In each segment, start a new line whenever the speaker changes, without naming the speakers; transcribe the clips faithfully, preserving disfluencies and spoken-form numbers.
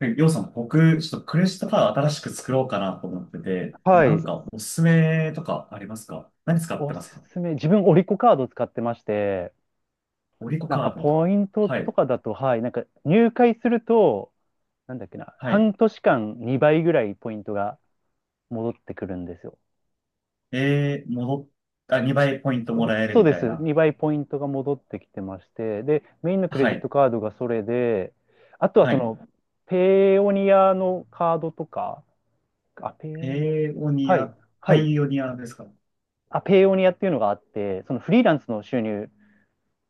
で、りょうさん、僕、ちょっとクレジットカード新しく作ろうかなと思ってて、
は
なん
い。
かおすすめとかありますか？何使って
お
ます
す
か？
すめ。自分、オリコカード使ってまして、
オリコ
なんか
カード。
ポイント
は
と
い。
かだと、はい、なんか入会すると、なんだっけな、
はい。
半年間にばいぐらいポイントが戻ってくるんですよ。
えー、戻っ、あ、にばいポイントもらえる
そう
み
で
たい
す。
な。
にばいポイントが戻ってきてまして、で、メインのクレ
は
ジット
い。
カードがそれで、あとは
は
そ
い。
の、ペイオニアのカードとか、あ、ペイオニア、
ペオニ
はい、
ア、
は
パ
い。
イオニアですか？
あ、ペイオニアっていうのがあって、そのフリーランスの収入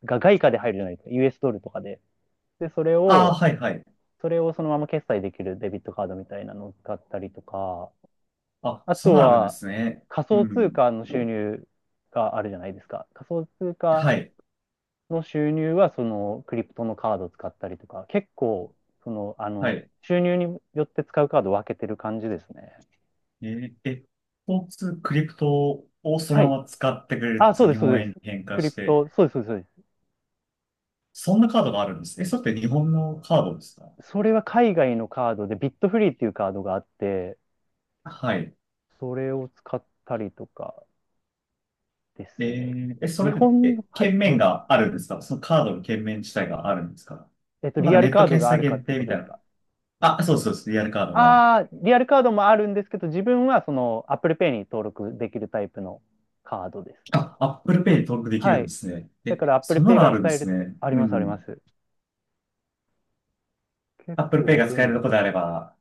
が外貨で入るじゃないですか、ユーエス ドルとかで。で、それ
ああ
を、
ー、はい、はい。
それをそのまま決済できるデビットカードみたいなのを使ったりとか、
あ、
あ
そん
と
なのあるんで
は
すね。
仮
う
想通
ん。
貨の収入があるじゃないですか。仮想通貨
はい。
の収入はそのクリプトのカードを使ったりとか、結構、その、あ
は
の、
い。
収入によって使うカードを分けてる感じですね。
えー、え、スポーツクリプトをそ
は
の
い。
まま使ってくれると、
あ、そ
そ
う
の
で
日
す、そう
本
で
円に
す。
変換
クリ
し
プ
て、
ト、そうです、そうです、そうです。
そんなカードがあるんです。え、それって日本のカードですか？
それは海外のカードで、ビットフリーっていうカードがあって、
はい。
それを使ったりとかで
え
すね。
ーえ、そ
日
れって、
本の、
え、
はい、
券面
ど、
があるんですか？そのカードの券面自体があるんですか？
えっと、
なん
リ
か
アル
ネッ
カ
ト
ード
決
があ
済
るか
限
って
定
こ
み
と
た
で
い
す
な。
か？
あ、そうそうです。リアルカードが。
ああー、リアルカードもあるんですけど、自分はその Apple Pay に登録できるタイプのカードですね。
あ、Apple Pay に登録でき
は
るんで
い。
すね。
だ
え、
から Apple
そんな
Pay
の
が
あるんで
使える
す
とか、
ね。
あり
う
ますありま
ん。
す。結
Apple Pay
構
が使え
便
る
利
とこ
で
で
す。
あれば、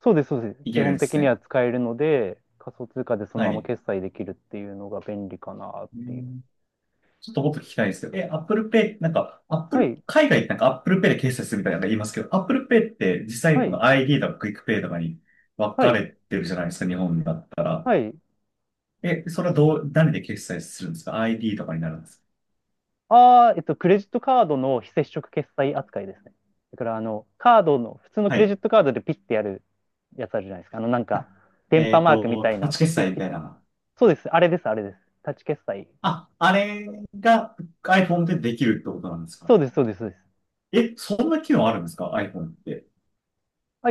そうです、そうです。
い
基
けるん
本
で
的
す
には
ね。
使えるので、仮想通貨でその
は
まま
い。
決済できるっていうのが便利かなっ
う
ていう。
ん、ちょっともっと聞きたいんですけど、え、Apple Pay、なんか、
は
Apple、
い、
海外ってなんか Apple Pay で決済するみたいなの言いますけど、Apple Pay って実際
は
にこ
い、
の アイディー とか Quick Pay とかに分
は
か
い、
れてるじゃないですか、日本だったら。
はい。
え、それはどう、何で決済するんですか？ アイディー とかになるんですか？
ああ、えっと、クレジットカードの非接触決済扱いですね。だから、あの、カードの、普通のク
は
レジッ
い。
トカードでピッてやるやつあるじゃないですか。あの、なんか、電
え
波
っ
マークみ
と、
たい
タッ
な、
チ
ピッ
決
ピ
済
ッ
み
ピッ。
たいな。
そうです。あれです、あれです。タッチ決済。
あ、あれが iPhone でできるってことなんです
そ
か？
うです、そうです、そうです。
え、そんな機能あるんですか？ iPhone って。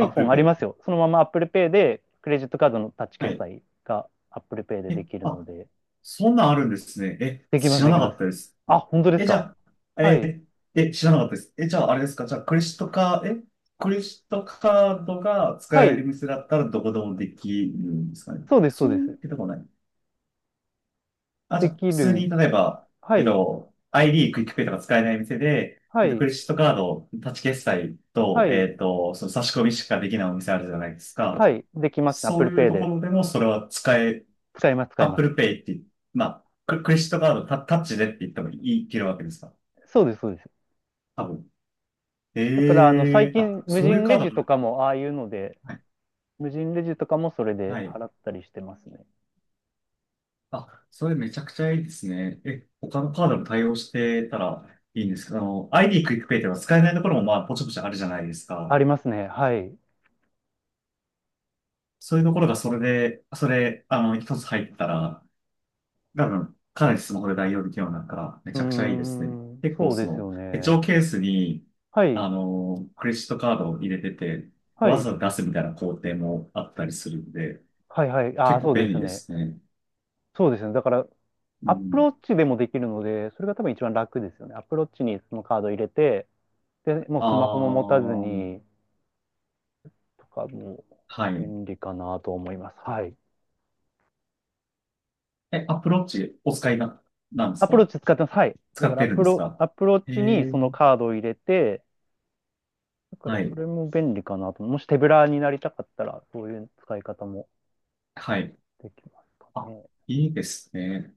Apple
あり
Pay。
ますよ。そのまま Apple Pay で、クレジットカードのタッチ
は
決
い。
済が Apple Pay で
え、
できるの
あ、
で、
そんなんあるんですね。え、
できま
知
す、
ら
でき
な
ま
かっ
す。
たです。
あ、本当です
え、じ
か。
ゃあ、
は
え
い。
ー、え、知らなかったです。え、じゃあ、あれですか。じゃあ、クレジットカード、え、クレジットカードが使
は
える
い。
店だったらどこでもできるんですかね。
そうです、そう
そう
で
いう
す。
わけでもない。あ、じ
で
ゃあ、
き
普通
る。
に、例えば、
は
えっ
い。
と、アイディー、クイックペイとか使えない店で、
は
えっと、ク
い。
レジットカード、タッチ決済
は
と、え
い。
っと、その差し込みしかできないお店あるじゃないですか。
はい。できますね。
そう
Apple
いう
Pay
とこ
で。
ろでも、それは使え、
使います、使いま
Apple
す。
Pay って、まあ、ククレジットカードタ、タッチでって言ってもいい、いけるわけですか。
そうです、そうです。
多分。
だから、あの、
え
最
え
近、
あ、
無
そういう
人
カ
レ
ー
ジ
ド
と
も、
かも、ああいうので、
はい。
無人レジとかもそれで
はい。
払ったりしてますね。
あ、それめちゃくちゃいいですね。え、他のカードも対応してたらいいんですけど、あの、アイディー クイックペイでは使えないところもまあ、ぽちぽちあるじゃないです
あ
か。
りますね。はい。う
そういうところがそれで、それ、あの、一つ入ったら、多分、かなりスマホで代用できるようになるから、め
ー
ちゃくちゃいいですね。
ん、
結構
そう
そ
です
の、
よ
手帳
ね。
ケースに、
はい、
あの、クレジットカードを入れてて、
は
わ
い、
ざわざ出すみたいな工程もあったりするんで、
はい、はい。あ
結
あ、
構
そう
便
です
利で
ね。
すね。
そうですね。だから、
う
アップ
ん、
ローチでもできるので、それが多分一番楽ですよね。アップローチにそのカード入れて、で、もう
あ
スマホも持たず
あ、
に、とかも、
はい。
便利かなと思います。はい。
え、アプローチお使いな、なんです
アプロー
か？
チ使ってます。はい。だ
使
か
っ
らア
てる
プ
んです
ロ、
か？
アプロー
え
チに
え、
そのカードを入れて、だから
は
そ
い。
れも便利かなと。もし手ぶらになりたかったら、そういう使い方も
はい。
できますか
あ、
ね。
いいですね。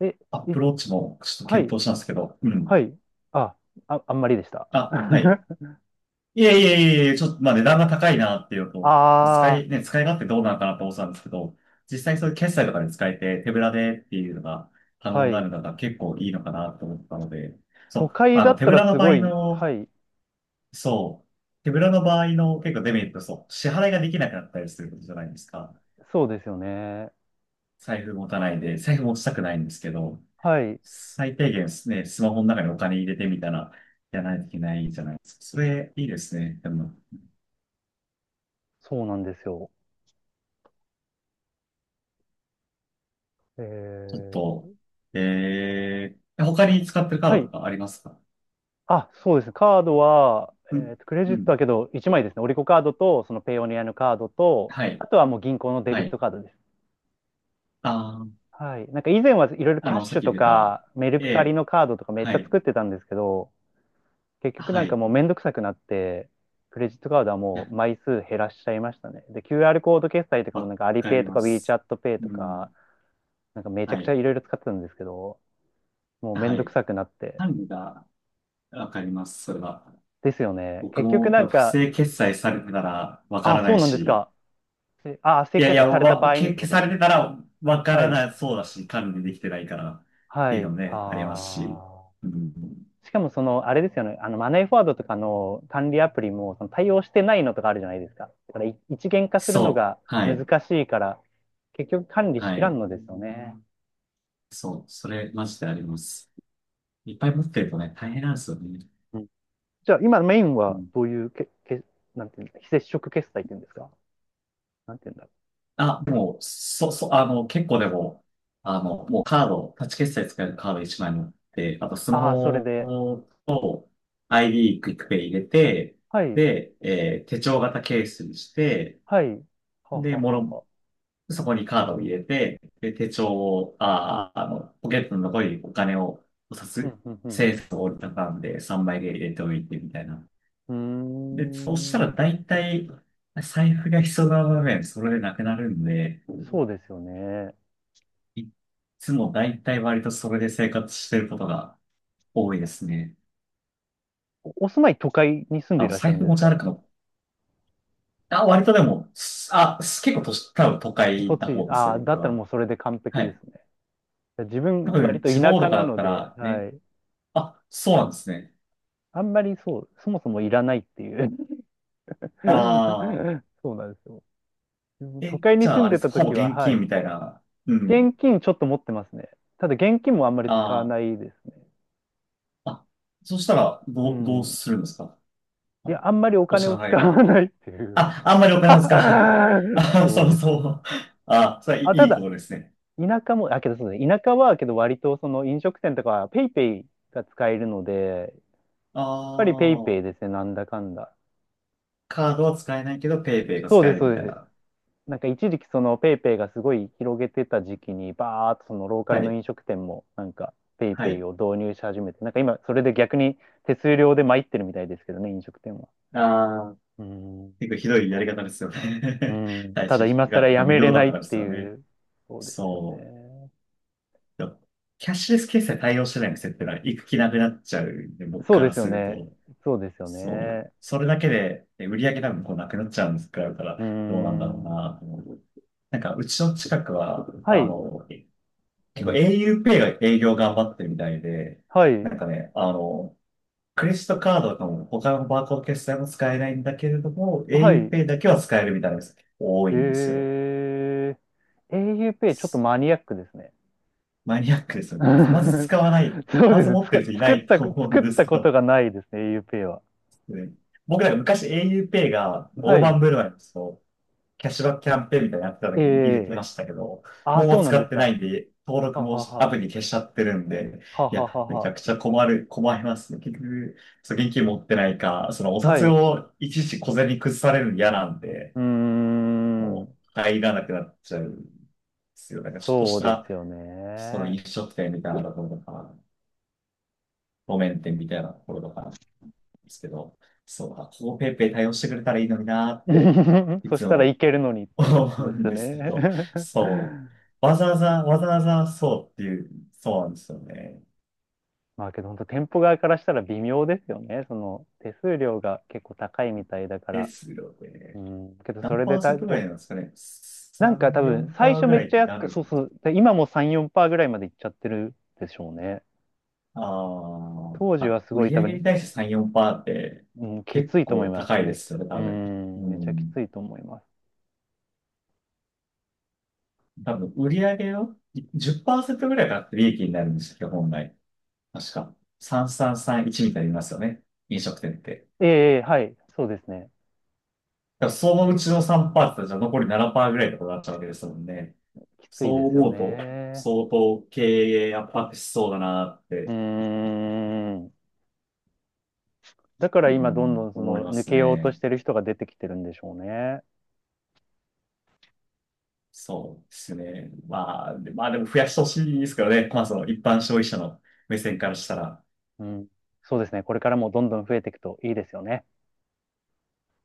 え、
ア
い
プローチもちょっと
は
検
い、
討したんですけど。うん。
はい。あ、あ、あんまりでした。
あ、はい。いえいえいえいえ、ちょっと、まあ値段が高いなっていうのと、使
あ
い、ね、使い勝手どうなのかなって思ってたんですけど、実際そういう決済とかで使えて手ぶらでっていうのが可
あ、は
能にな
い。
るのが結構いいのかなって思ったので、そ
都
う、
会
あ
だ
の
っ
手
た
ぶ
ら
ら
す
の場合
ごい、
の
はい、
そう。手ぶらの場合の結構デメリット、そう。支払いができなくなったりすることじゃないですか。
そうですよね。
財布持たないで、財布持ちたくないんですけど、
はい、
最低限ですね、スマホの中にお金入れてみたら、やらないといけないじゃないですか。それ、いいですね。でも、
そうなんですよ。え
ちょっ
ー、
と、えー、他に使ってるカ
は
ード
い。
とかありますか？
あ、そうですね。カードは、
う
え
ん、
ーと、クレジ
う
ット
ん。
はけど、いちまいですね。オリコカードと、そのペイオニアのカードと、
はい、
あとはもう銀行のデ
は
ビッ
い。
トカードです。
あー、
はい。なんか以前はいろいろ
あ
キャッ
の、さ
シ
っ
ュ
き
と
出た、
か、メルカリ
えー、
のカードとかめっち
は
ゃ
い、
作ってたんですけど、結局な
は
ん
い。
か
い
もうめんどくさくなって、クレジットカードはも
や、
う枚数減らしちゃいましたね。で、キューアール コード決済とかもな
わ
んかアリ
か
ペイ
り
と
ま
か
す。
WeChat ペイ
う
と
ん、
か、なんかめちゃ
は
くちゃ
い。
いろいろ使ってたんですけど、もうめ
は
んどく
い。
さくなって。
管理が、わかります、それは。
ですよね。
僕
結
も
局な
多
ん
分不
か、
正決済されてたらわか
あ、
らな
そ
い
うなんです
し、
か。せああ、
い
設
や
計
いや、
された場
わ、
合に
け
ってこ
消
と
さ
です
れ
ね。
てたらわか
は
ら
い。
なそうだし、管理できてないからって
は
いうの
い。
もね、ありますし。
あ
う
あ。
ん、
しかもその、あれですよね。あの、マネーフォワードとかの管理アプリも、その対応してないのとかあるじゃないですか。だからい一元化するの
そう。
が
はい。
難しいから、結局管理し
は
きら
い。
んのですよね。
そう。それ、マジであります。いっぱい持ってるとね、大変なんですよね。
うん。じゃあ、今メイン
う
は
ん、
どういうけ、け、なんていうんですか、非接触決済っていうんですか？なんていうんだろう。
あ、もう、そ、そ、あの、結構でも、あの、もうカード、タッチ決済使えるカード一枚持って、あとスマ
ああ、それ
ホ
で。
と アイディー クイックペイ入れて、
はい。
で、えー手帳型ケースにして、
はい。はは
で、も
は
の、
は。
そこにカードを入れて、で、手帳を、あー、あの、ポケットの残りにお金を、お札、
うん、う
1
ん、
円札を折りたたんでさんまいで入れておいてみたいな。
う
で、そうした
ん。うー
ら
ん。
大体、財布が必要な場面、それでなくなるんで、
そうですよね。
いつもだいたい割とそれで生活してることが多いですね。
おお住まい、都会に住んで
あ
い
の、
らっしゃ
財
るん
布
です
持ち
か？
歩くの。あ、割とでも、すあ、す結構都市、多分都会な
栃
方
木、
です
ああ、
ね、
だ
僕
ったらも
は。
うそれで完璧
は
で
い。
すね。自
多
分、割
分、
と
地
田
方と
舎
か
な
だっ
の
た
で、
ら
は
ね。
い。
あ、そうなんですね。
あんまりそう、そもそもいらないっていう。
ああ、
そうなんですよ。都
え、
会
じ
に住
ゃあ
ん
あれ
で
です
た
か、ほぼ
時は、
現
は
金
い。
みたいな。うん。
現金ちょっと持ってますね。ただ現金もあんまり使わ
あ
ないですね。
あ、あ、そしたら、
う
どう、どう
ん。
するんですか？あ
いや、
の、
あんまりお
お
金
支
を
払い
使わ
は。
ないっていう。
あ、あんまりお金を使わない。あ、
そ
そ
う
う
です
そ
ね。
う。あ、それはい
あ、た
いいこ
だ、
とですね。
田舎も、あ、けどそうですね。田舎は、けど割とその飲食店とかはペイペイが使えるので、
あ
ぱりペイペイ
あ。
ですね、なんだかんだ。
カードは使えないけど、ペイペイが
そう
使
で
え
す、
る
そ
み
う
たい
です。
な。
なんか一時期そのペイペイがすごい広げてた時期に、バーっとそのローカル
は
の
い。
飲食店もなんかペイ
は
ペイ
い。
を導入し始めて、なんか今それで逆に手数料で参ってるみたいですけどね、飲食店は。
ああ、
うん。
結構ひどいやり方ですよ
う
ね。
ん。
はい
ただ
し
今更
が、が
や
無
めれ
料だっ
な
た
い
か
っ
らで
て
すよ
い
ね。
う、そうですよ
そ
ね。
う。キャッシュレス決済対応してない店ってのは行く気なくなっちゃうんで、僕
そう
か
で
ら
すよ
する
ね。
と。
そうですよ
そう。
ね。
それだけで、え、売り上げ多分こうなくなっちゃうんですから、
うー
どうなんだろう
ん。
なと思う。なんか、うちの近くは、
は
あ
い、
の、結構 auPay が営業頑張ってるみたいで、
はい、
なんかね、あの、クレジットカードとかも他のバーコード決済も使えないんだけれども、
はい。
auPay だけは使えるみたいなす多いんですよ。
えー、エーユーペイちょっとマニアックですね。
マニアックです よ
う
ね。まず
ん。
使わない。
そう
ま
で
ず
す。
持っ
つ
て
か、
る人いな
作っ
い
た、
と思うん
作っ
です
た
け
こと
ど。
がないですね、AUPay は。
ね、僕なんか昔 auPay が
は
大
い。
盤振る舞いのそうキャッシュバックキャンペーンみたいなのやってた
え
時に入れて
え
ましたけど、
あ、
も
そ
う
うなん
使
で
っ
す
てな
か。
いんで、登録
は
も
は
ア
は。
プリ消しちゃってるんで、
は
いや、
はは
めち
は。
ゃくちゃ困る、困りますね。結局、そう現金持ってないか、そのお
は
札
い。う
をいちいち小銭崩されるの嫌なんで、
ーん。
もう入らなくなっちゃうんですよ。なんかちょっと
そ
し
うで
た、
すよ
その
ね。
飲食店みたいなところとか、路面店みたいなところとかなんですけど、そう、あ、ここペイペイ対応してくれたらいいのになーって、い
そし
つ
たらい
も
けるのにっ ていうこ
思う
とで
ん
すよ
ですけど、
ね。
そう。わざわざ、わざわざそうっていう、そうなんですよね。
まあけど本当店舗側からしたら微妙ですよね。その手数料が結構高いみたいだか
で
ら。
すよ
う
ね。
ん。けどそ
何
れ
パ
で
ー
た、
セントぐらい
お、
なんですかね。
なんか
さん、
多分、最
よんパーセントパーセント
初
ぐ
め
ら
っ
い
ちゃ
に
安
な
く、
る、
そうそう、で今もさん、よんパーセントぐらいまでいっちゃってるでしょうね。
あー
当時
あ、
はすご
売
い多
上に
分、
対してさん、よんパーセントって
うん、きつ
結
いと思い
構
ま
高
す。
い
め
で
っ
す
ち
よ
ゃ。
ね、
う
多分。う
ん、めちゃき
ん。
ついと思います。
多分、売上のじゅっパーセントぐらいが利益になるんですよ、本来。確か。さんさんさんいちみたいに言いますよね。飲食店って。
ええ、はい、そうですね。
だからそのうちのさんパーセントってじゃ残りななパーセントぐらいってことになっちゃうわけですもんね。
きつい
そ
で
う
すよ
思うと、
ね。
相当経営圧迫しそうだなっ
う
て、
ーん。だか
う
ら今、どんど
ん、
んそ
思い
の、
ま
抜
す
けようとし
ね。
てる人が出てきてるんでしょうね。
そうですね。まあ、で、まあでも増やしてほしいですけどね。まあその一般消費者の目線からしたら。
うん。そうですね。これからもどんどん増えていくといいですよね。